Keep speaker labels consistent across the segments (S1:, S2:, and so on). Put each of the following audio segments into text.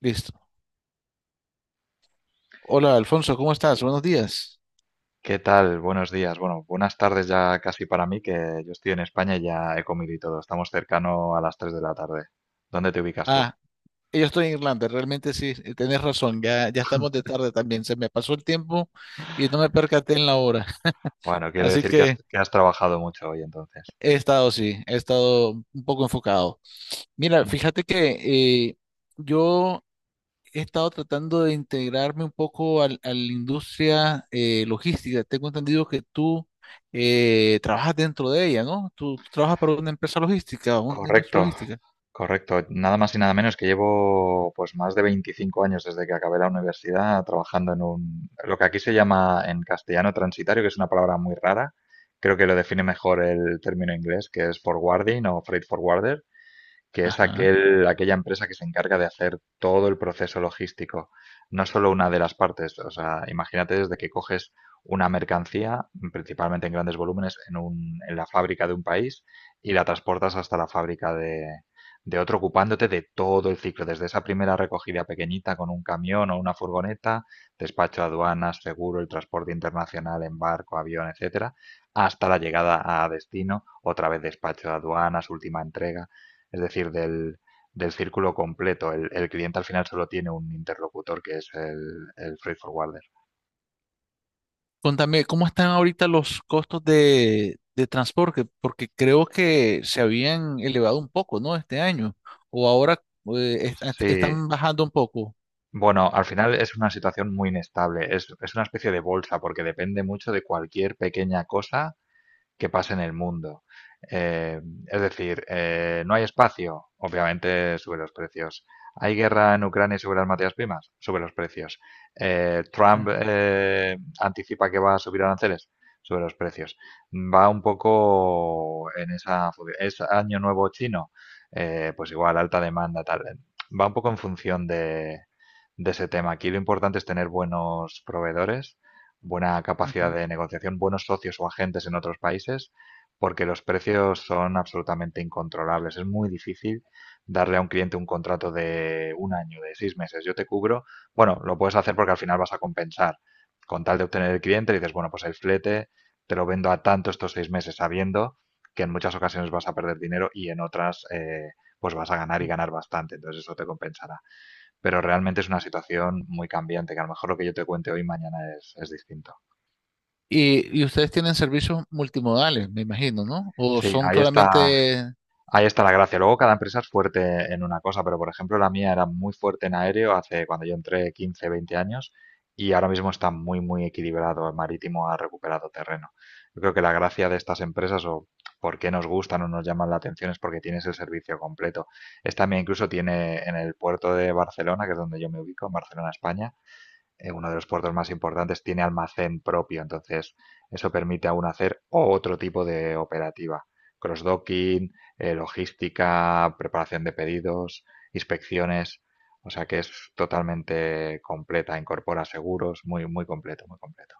S1: Listo. Hola, Alfonso, ¿cómo estás? Buenos días.
S2: ¿Qué tal? Buenos días. Bueno, buenas tardes ya casi para mí, que yo estoy en España y ya he comido y todo. Estamos cercano a las 3 de la tarde. ¿Dónde te ubicas tú?
S1: Ah, yo estoy en Irlanda, realmente sí, tenés razón, ya estamos de tarde también, se me pasó el tiempo y no me percaté en la hora.
S2: Bueno, quiere
S1: Así
S2: decir que has,
S1: que
S2: que has trabajado mucho hoy entonces.
S1: he estado, sí, he estado un poco enfocado. Mira,
S2: Muy bien.
S1: fíjate que yo he estado tratando de integrarme un poco a la industria logística. Tengo entendido que tú trabajas dentro de ella, ¿no? Tú trabajas para una empresa logística, una industria
S2: Correcto,
S1: logística.
S2: correcto. Nada más y nada menos que llevo pues más de 25 años desde que acabé la universidad trabajando lo que aquí se llama en castellano transitario, que es una palabra muy rara. Creo que lo define mejor el término inglés, que es forwarding o freight forwarder, que es
S1: Ajá.
S2: aquella empresa que se encarga de hacer todo el proceso logístico, no solo una de las partes. O sea, imagínate desde que coges una mercancía, principalmente en grandes volúmenes, en la fábrica de un país y la transportas hasta la fábrica de otro, ocupándote de todo el ciclo, desde esa primera recogida pequeñita con un camión o una furgoneta, despacho aduanas, seguro, el transporte internacional en barco, avión, etcétera, hasta la llegada a destino, otra vez despacho aduanas, última entrega, es decir, del círculo completo. El cliente al final solo tiene un interlocutor que es el freight forwarder.
S1: Contame, ¿cómo están ahorita los costos de transporte? Porque creo que se habían elevado un poco, ¿no? Este año. O ahora
S2: Sí,
S1: están bajando un poco.
S2: bueno, al final es una situación muy inestable. Es una especie de bolsa porque depende mucho de cualquier pequeña cosa que pasa en el mundo. Eh, es decir, no hay espacio, obviamente sube los precios. ¿Hay guerra en Ucrania y sube las materias primas? Sube los precios.
S1: Sí.
S2: ¿Trump anticipa que va a subir aranceles? Sube los precios. Va un poco en esa. ¿Es año nuevo chino? Pues igual, alta demanda, tal. Va un poco en función de ese tema. Aquí lo importante es tener buenos proveedores, buena capacidad
S1: Ujú.
S2: de negociación, buenos socios o agentes en otros países, porque los precios son absolutamente incontrolables. Es muy difícil darle a un cliente un contrato de un año, de 6 meses. Yo te cubro, bueno, lo puedes hacer porque al final vas a compensar. Con tal de obtener el cliente, le dices, bueno, pues el flete te lo vendo a tanto estos 6 meses, sabiendo que en muchas ocasiones vas a perder dinero y en otras, pues vas a ganar y ganar bastante, entonces eso te compensará. Pero realmente es una situación muy cambiante, que a lo mejor lo que yo te cuente hoy mañana es distinto.
S1: Y ustedes tienen servicios multimodales, me imagino, ¿no? O
S2: Sí,
S1: son solamente...
S2: ahí está la gracia. Luego cada empresa es fuerte en una cosa, pero por ejemplo la mía era muy fuerte en aéreo hace cuando yo entré 15 20 años y ahora mismo está muy, muy equilibrado. El marítimo ha recuperado terreno. Yo creo que la gracia de estas empresas, o por qué nos gustan o nos llaman la atención, es porque tienes el servicio completo. Esta mía incluso tiene en el puerto de Barcelona, que es donde yo me ubico, en Barcelona, España, uno de los puertos más importantes, tiene almacén propio. Entonces, eso permite aún hacer otro tipo de operativa. Cross-docking, logística, preparación de pedidos, inspecciones. O sea que es totalmente completa, incorpora seguros, muy, muy completo, muy completo.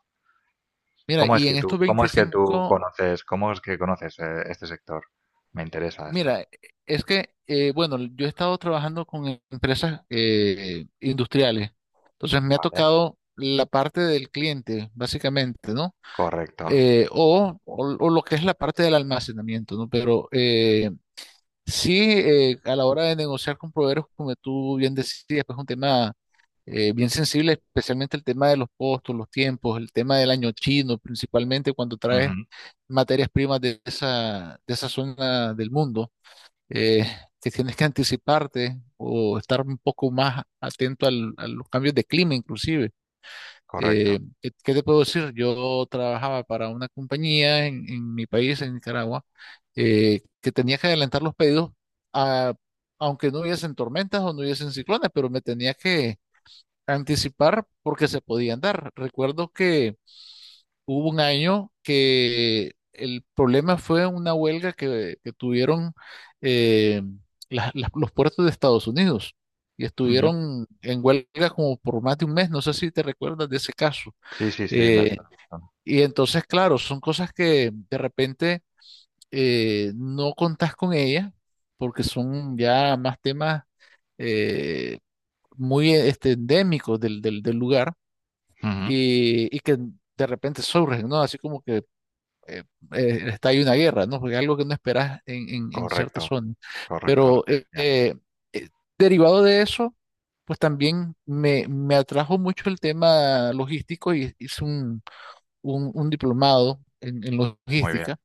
S1: Mira,
S2: ¿Cómo es
S1: y
S2: que
S1: en estos
S2: tú, cómo es que tú
S1: 25
S2: conoces, cómo es que conoces este sector? Me interesa esto.
S1: mira, bueno, yo he estado trabajando con empresas industriales. Entonces me ha
S2: Vale,
S1: tocado la parte del cliente, básicamente, ¿no?
S2: correcto.
S1: O, o lo que es la parte del almacenamiento, ¿no? Pero sí, a la hora de negociar con proveedores, como tú bien decías, pues es un tema bien sensible, especialmente el tema de los costos, los tiempos, el tema del año chino, principalmente cuando traes
S2: Ujú,
S1: materias primas de esa zona del mundo, eh, que tienes que anticiparte o estar un poco más atento a los cambios de clima, inclusive.
S2: correcto.
S1: ¿Qué qué te puedo decir? Yo trabajaba para una compañía en mi país, en Nicaragua, que tenía que adelantar los pedidos, a- aunque no hubiesen tormentas o no hubiesen ciclones, pero me tenía que anticipar porque se podían dar. Recuerdo que hubo un año que el problema fue una huelga que tuvieron eh, los puertos de Estados Unidos y
S2: Ujú.
S1: estuvieron en huelga como por más de un mes. No sé si te recuerdas de ese caso.
S2: Sí, sí, sí, me has
S1: Eh,
S2: dado razón.
S1: y entonces, claro, son cosas que de repente no contás con ellas porque son ya más temas eh, muy este, endémicos del lugar
S2: Ujú,
S1: y que de repente surgen, ¿no? Así como que eh, está ahí una guerra, ¿no? Porque algo que no esperás en cierta
S2: correcto.
S1: zona.
S2: Correcto, lo
S1: Pero
S2: que decíamos.
S1: eh, derivado de eso, pues también me atrajo mucho el tema logístico y hice un diplomado en
S2: Muy bien.
S1: logística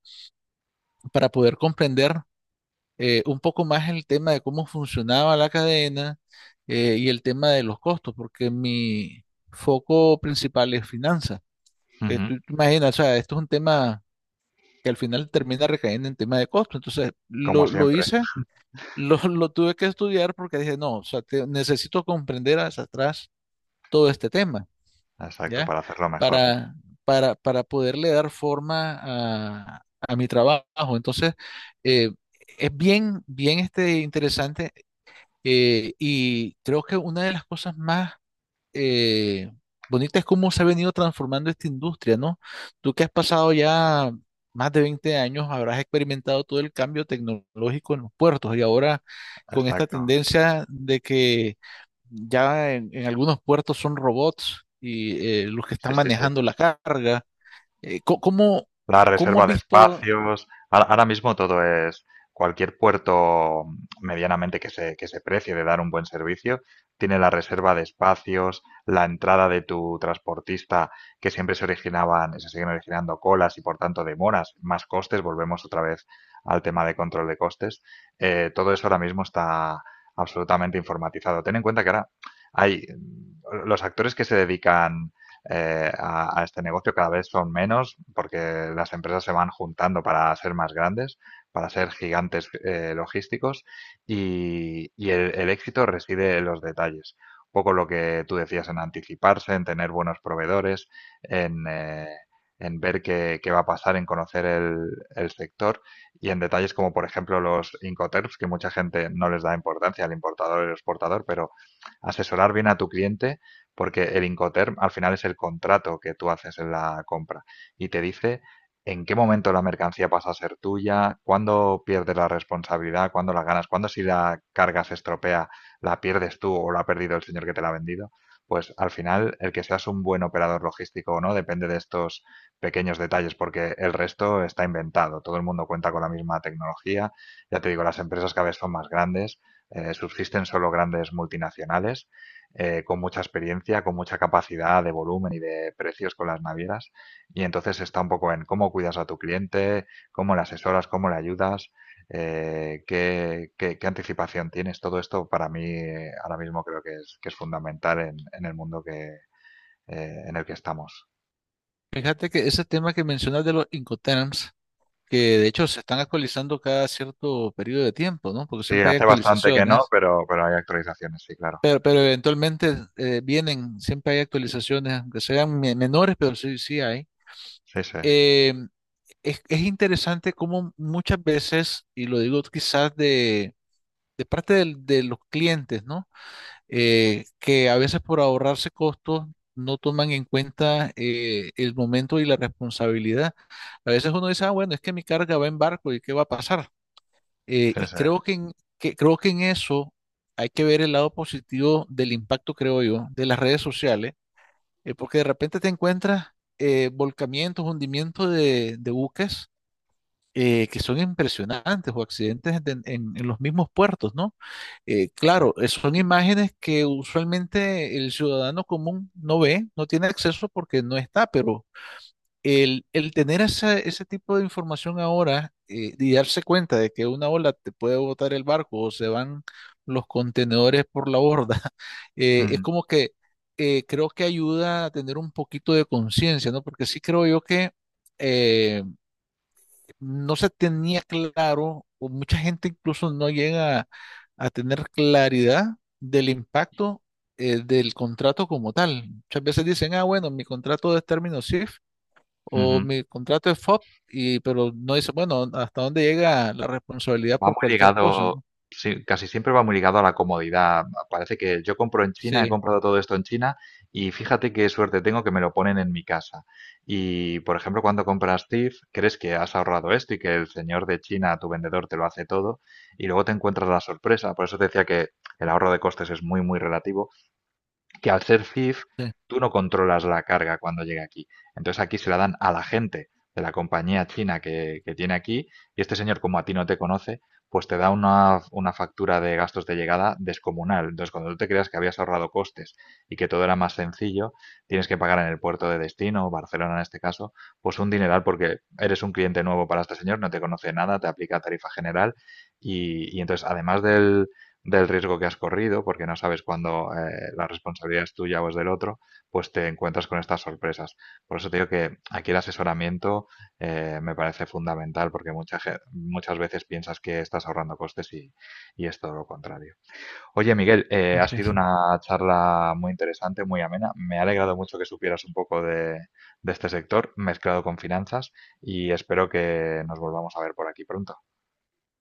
S1: para poder comprender un poco más el tema de cómo funcionaba la cadena y el tema de los costos, porque mi foco principal es finanzas.
S2: Ujú.
S1: Tú te imaginas, o sea, esto es un tema que al final termina recayendo en tema de costo. Entonces,
S2: Como
S1: lo
S2: siempre.
S1: hice, lo tuve que estudiar porque dije, no, o sea, necesito comprender hacia atrás todo este tema.
S2: Exacto,
S1: ¿Ya?
S2: para hacerlo mejor, sí.
S1: Para, para poderle dar forma a mi trabajo. Entonces, eh, es bien, bien este, interesante, y creo que una de las cosas más eh, bonitas es cómo se ha venido transformando esta industria, ¿no? Tú que has pasado ya... Más de 20 años habrás experimentado todo el cambio tecnológico en los puertos y ahora con esta
S2: Exacto.
S1: tendencia de que ya en algunos puertos son robots y los que
S2: Sí,
S1: están
S2: sí, sí.
S1: manejando la carga. ¿Cómo,
S2: La
S1: cómo has
S2: reserva de
S1: visto?
S2: espacios. Ahora mismo todo es cualquier puerto medianamente que se precie de dar un buen servicio, tiene la reserva de espacios, la entrada de tu transportista, que siempre se originaban, se siguen originando colas y por tanto demoras, más costes, volvemos otra vez al tema de control de costes. Todo eso ahora mismo está absolutamente informatizado. Ten en cuenta que ahora hay, los actores que se dedican, a este negocio cada vez son menos porque las empresas se van juntando para ser más grandes, para ser gigantes logísticos, y el éxito reside en los detalles. Un poco lo que tú decías, en anticiparse, en tener buenos proveedores, en... Eh, en ver qué va a pasar, en conocer el sector, y en detalles como, por ejemplo, los Incoterms, que mucha gente no les da importancia, al importador y al exportador, pero asesorar bien a tu cliente, porque el Incoterm al final es el contrato que tú haces en la compra y te dice en qué momento la mercancía pasa a ser tuya, cuándo pierdes la responsabilidad, cuándo la ganas, cuándo, si la carga se estropea, la pierdes tú o la ha perdido el señor que te la ha vendido. Pues al final, el que seas un buen operador logístico o no depende de estos pequeños detalles, porque el resto está inventado. Todo el mundo cuenta con la misma tecnología. Ya te digo, las empresas cada vez son más grandes. Subsisten solo grandes multinacionales con mucha experiencia, con mucha capacidad de volumen y de precios con las navieras. Y entonces está un poco en cómo cuidas a tu cliente, cómo le asesoras, cómo le ayudas, qué anticipación tienes. Todo esto para mí, ahora mismo, creo que es fundamental en el mundo en el que estamos.
S1: Fíjate que ese tema que mencionas de los Incoterms, que de hecho se están actualizando cada cierto periodo de tiempo, ¿no? Porque
S2: Sí,
S1: siempre hay
S2: hace bastante que no,
S1: actualizaciones,
S2: pero hay actualizaciones, sí, claro.
S1: pero eventualmente vienen, siempre hay actualizaciones, aunque sean menores, pero sí, sí hay.
S2: Sí, sí,
S1: Eh, es interesante cómo muchas veces, y lo digo quizás de parte de los clientes, ¿no? Que a veces por ahorrarse costos no toman en cuenta el momento y la responsabilidad. A veces uno dice, ah, bueno, es que mi carga va en barco y qué va a pasar. Eh,
S2: sí,
S1: y
S2: sí,
S1: creo que en, creo que en eso hay que ver el lado positivo del impacto, creo yo, de las redes sociales, porque de repente te encuentras volcamientos, hundimientos de buques que son impresionantes o accidentes en los mismos puertos, ¿no? Claro,
S2: correcto.
S1: son imágenes que usualmente el ciudadano común no ve, no tiene acceso porque no está, pero el tener ese tipo de información ahora y darse cuenta de que una ola te puede botar el barco o se van los contenedores por la borda. Es
S2: Ujú,
S1: como que creo que ayuda a tener un poquito de conciencia, ¿no? Porque sí creo yo que... eh, no se tenía claro, o mucha gente incluso no llega a tener claridad del impacto del contrato como tal. Muchas veces dicen, ah, bueno, mi contrato es término SIF
S2: ujú.
S1: o mi contrato es FOP, y, pero no dice, bueno, hasta dónde llega la responsabilidad
S2: Va
S1: por
S2: muy
S1: cualquier cosa,
S2: ligado,
S1: ¿no?
S2: sí, casi siempre va muy ligado a la comodidad. Parece que yo compro en China, he
S1: Sí,
S2: comprado todo esto en China y fíjate qué suerte tengo que me lo ponen en mi casa. Y, por ejemplo, cuando compras TIFF, crees que has ahorrado esto y que el señor de China, tu vendedor, te lo hace todo y luego te encuentras la sorpresa. Por eso te decía que el ahorro de costes es muy, muy relativo, que al ser CIF tú no controlas la carga cuando llega aquí. Entonces aquí se la dan a la gente de la compañía china que tiene aquí, y este señor, como a ti no te conoce, pues te da una factura de gastos de llegada descomunal. Entonces, cuando tú te creas que habías ahorrado costes y que todo era más sencillo, tienes que pagar en el puerto de destino, Barcelona en este caso, pues un dineral, porque eres un cliente nuevo para este señor, no te conoce nada, te aplica tarifa general, y entonces, además del riesgo que has corrido, porque no sabes cuándo, la responsabilidad es tuya o es del otro, pues te encuentras con estas sorpresas. Por eso te digo que aquí el asesoramiento, me parece fundamental, porque muchas veces piensas que estás ahorrando costes, y es todo lo contrario. Oye, Miguel, ha
S1: así
S2: sido
S1: es.
S2: una charla muy interesante, muy amena. Me ha alegrado mucho que supieras un poco de este sector, mezclado con finanzas, y espero que nos volvamos a ver por aquí pronto.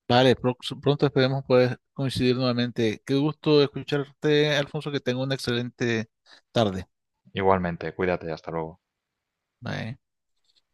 S1: Vale, pronto esperemos poder coincidir nuevamente. Qué gusto escucharte, Alfonso, que tenga una excelente tarde.
S2: Igualmente, cuídate, hasta luego.
S1: Bye.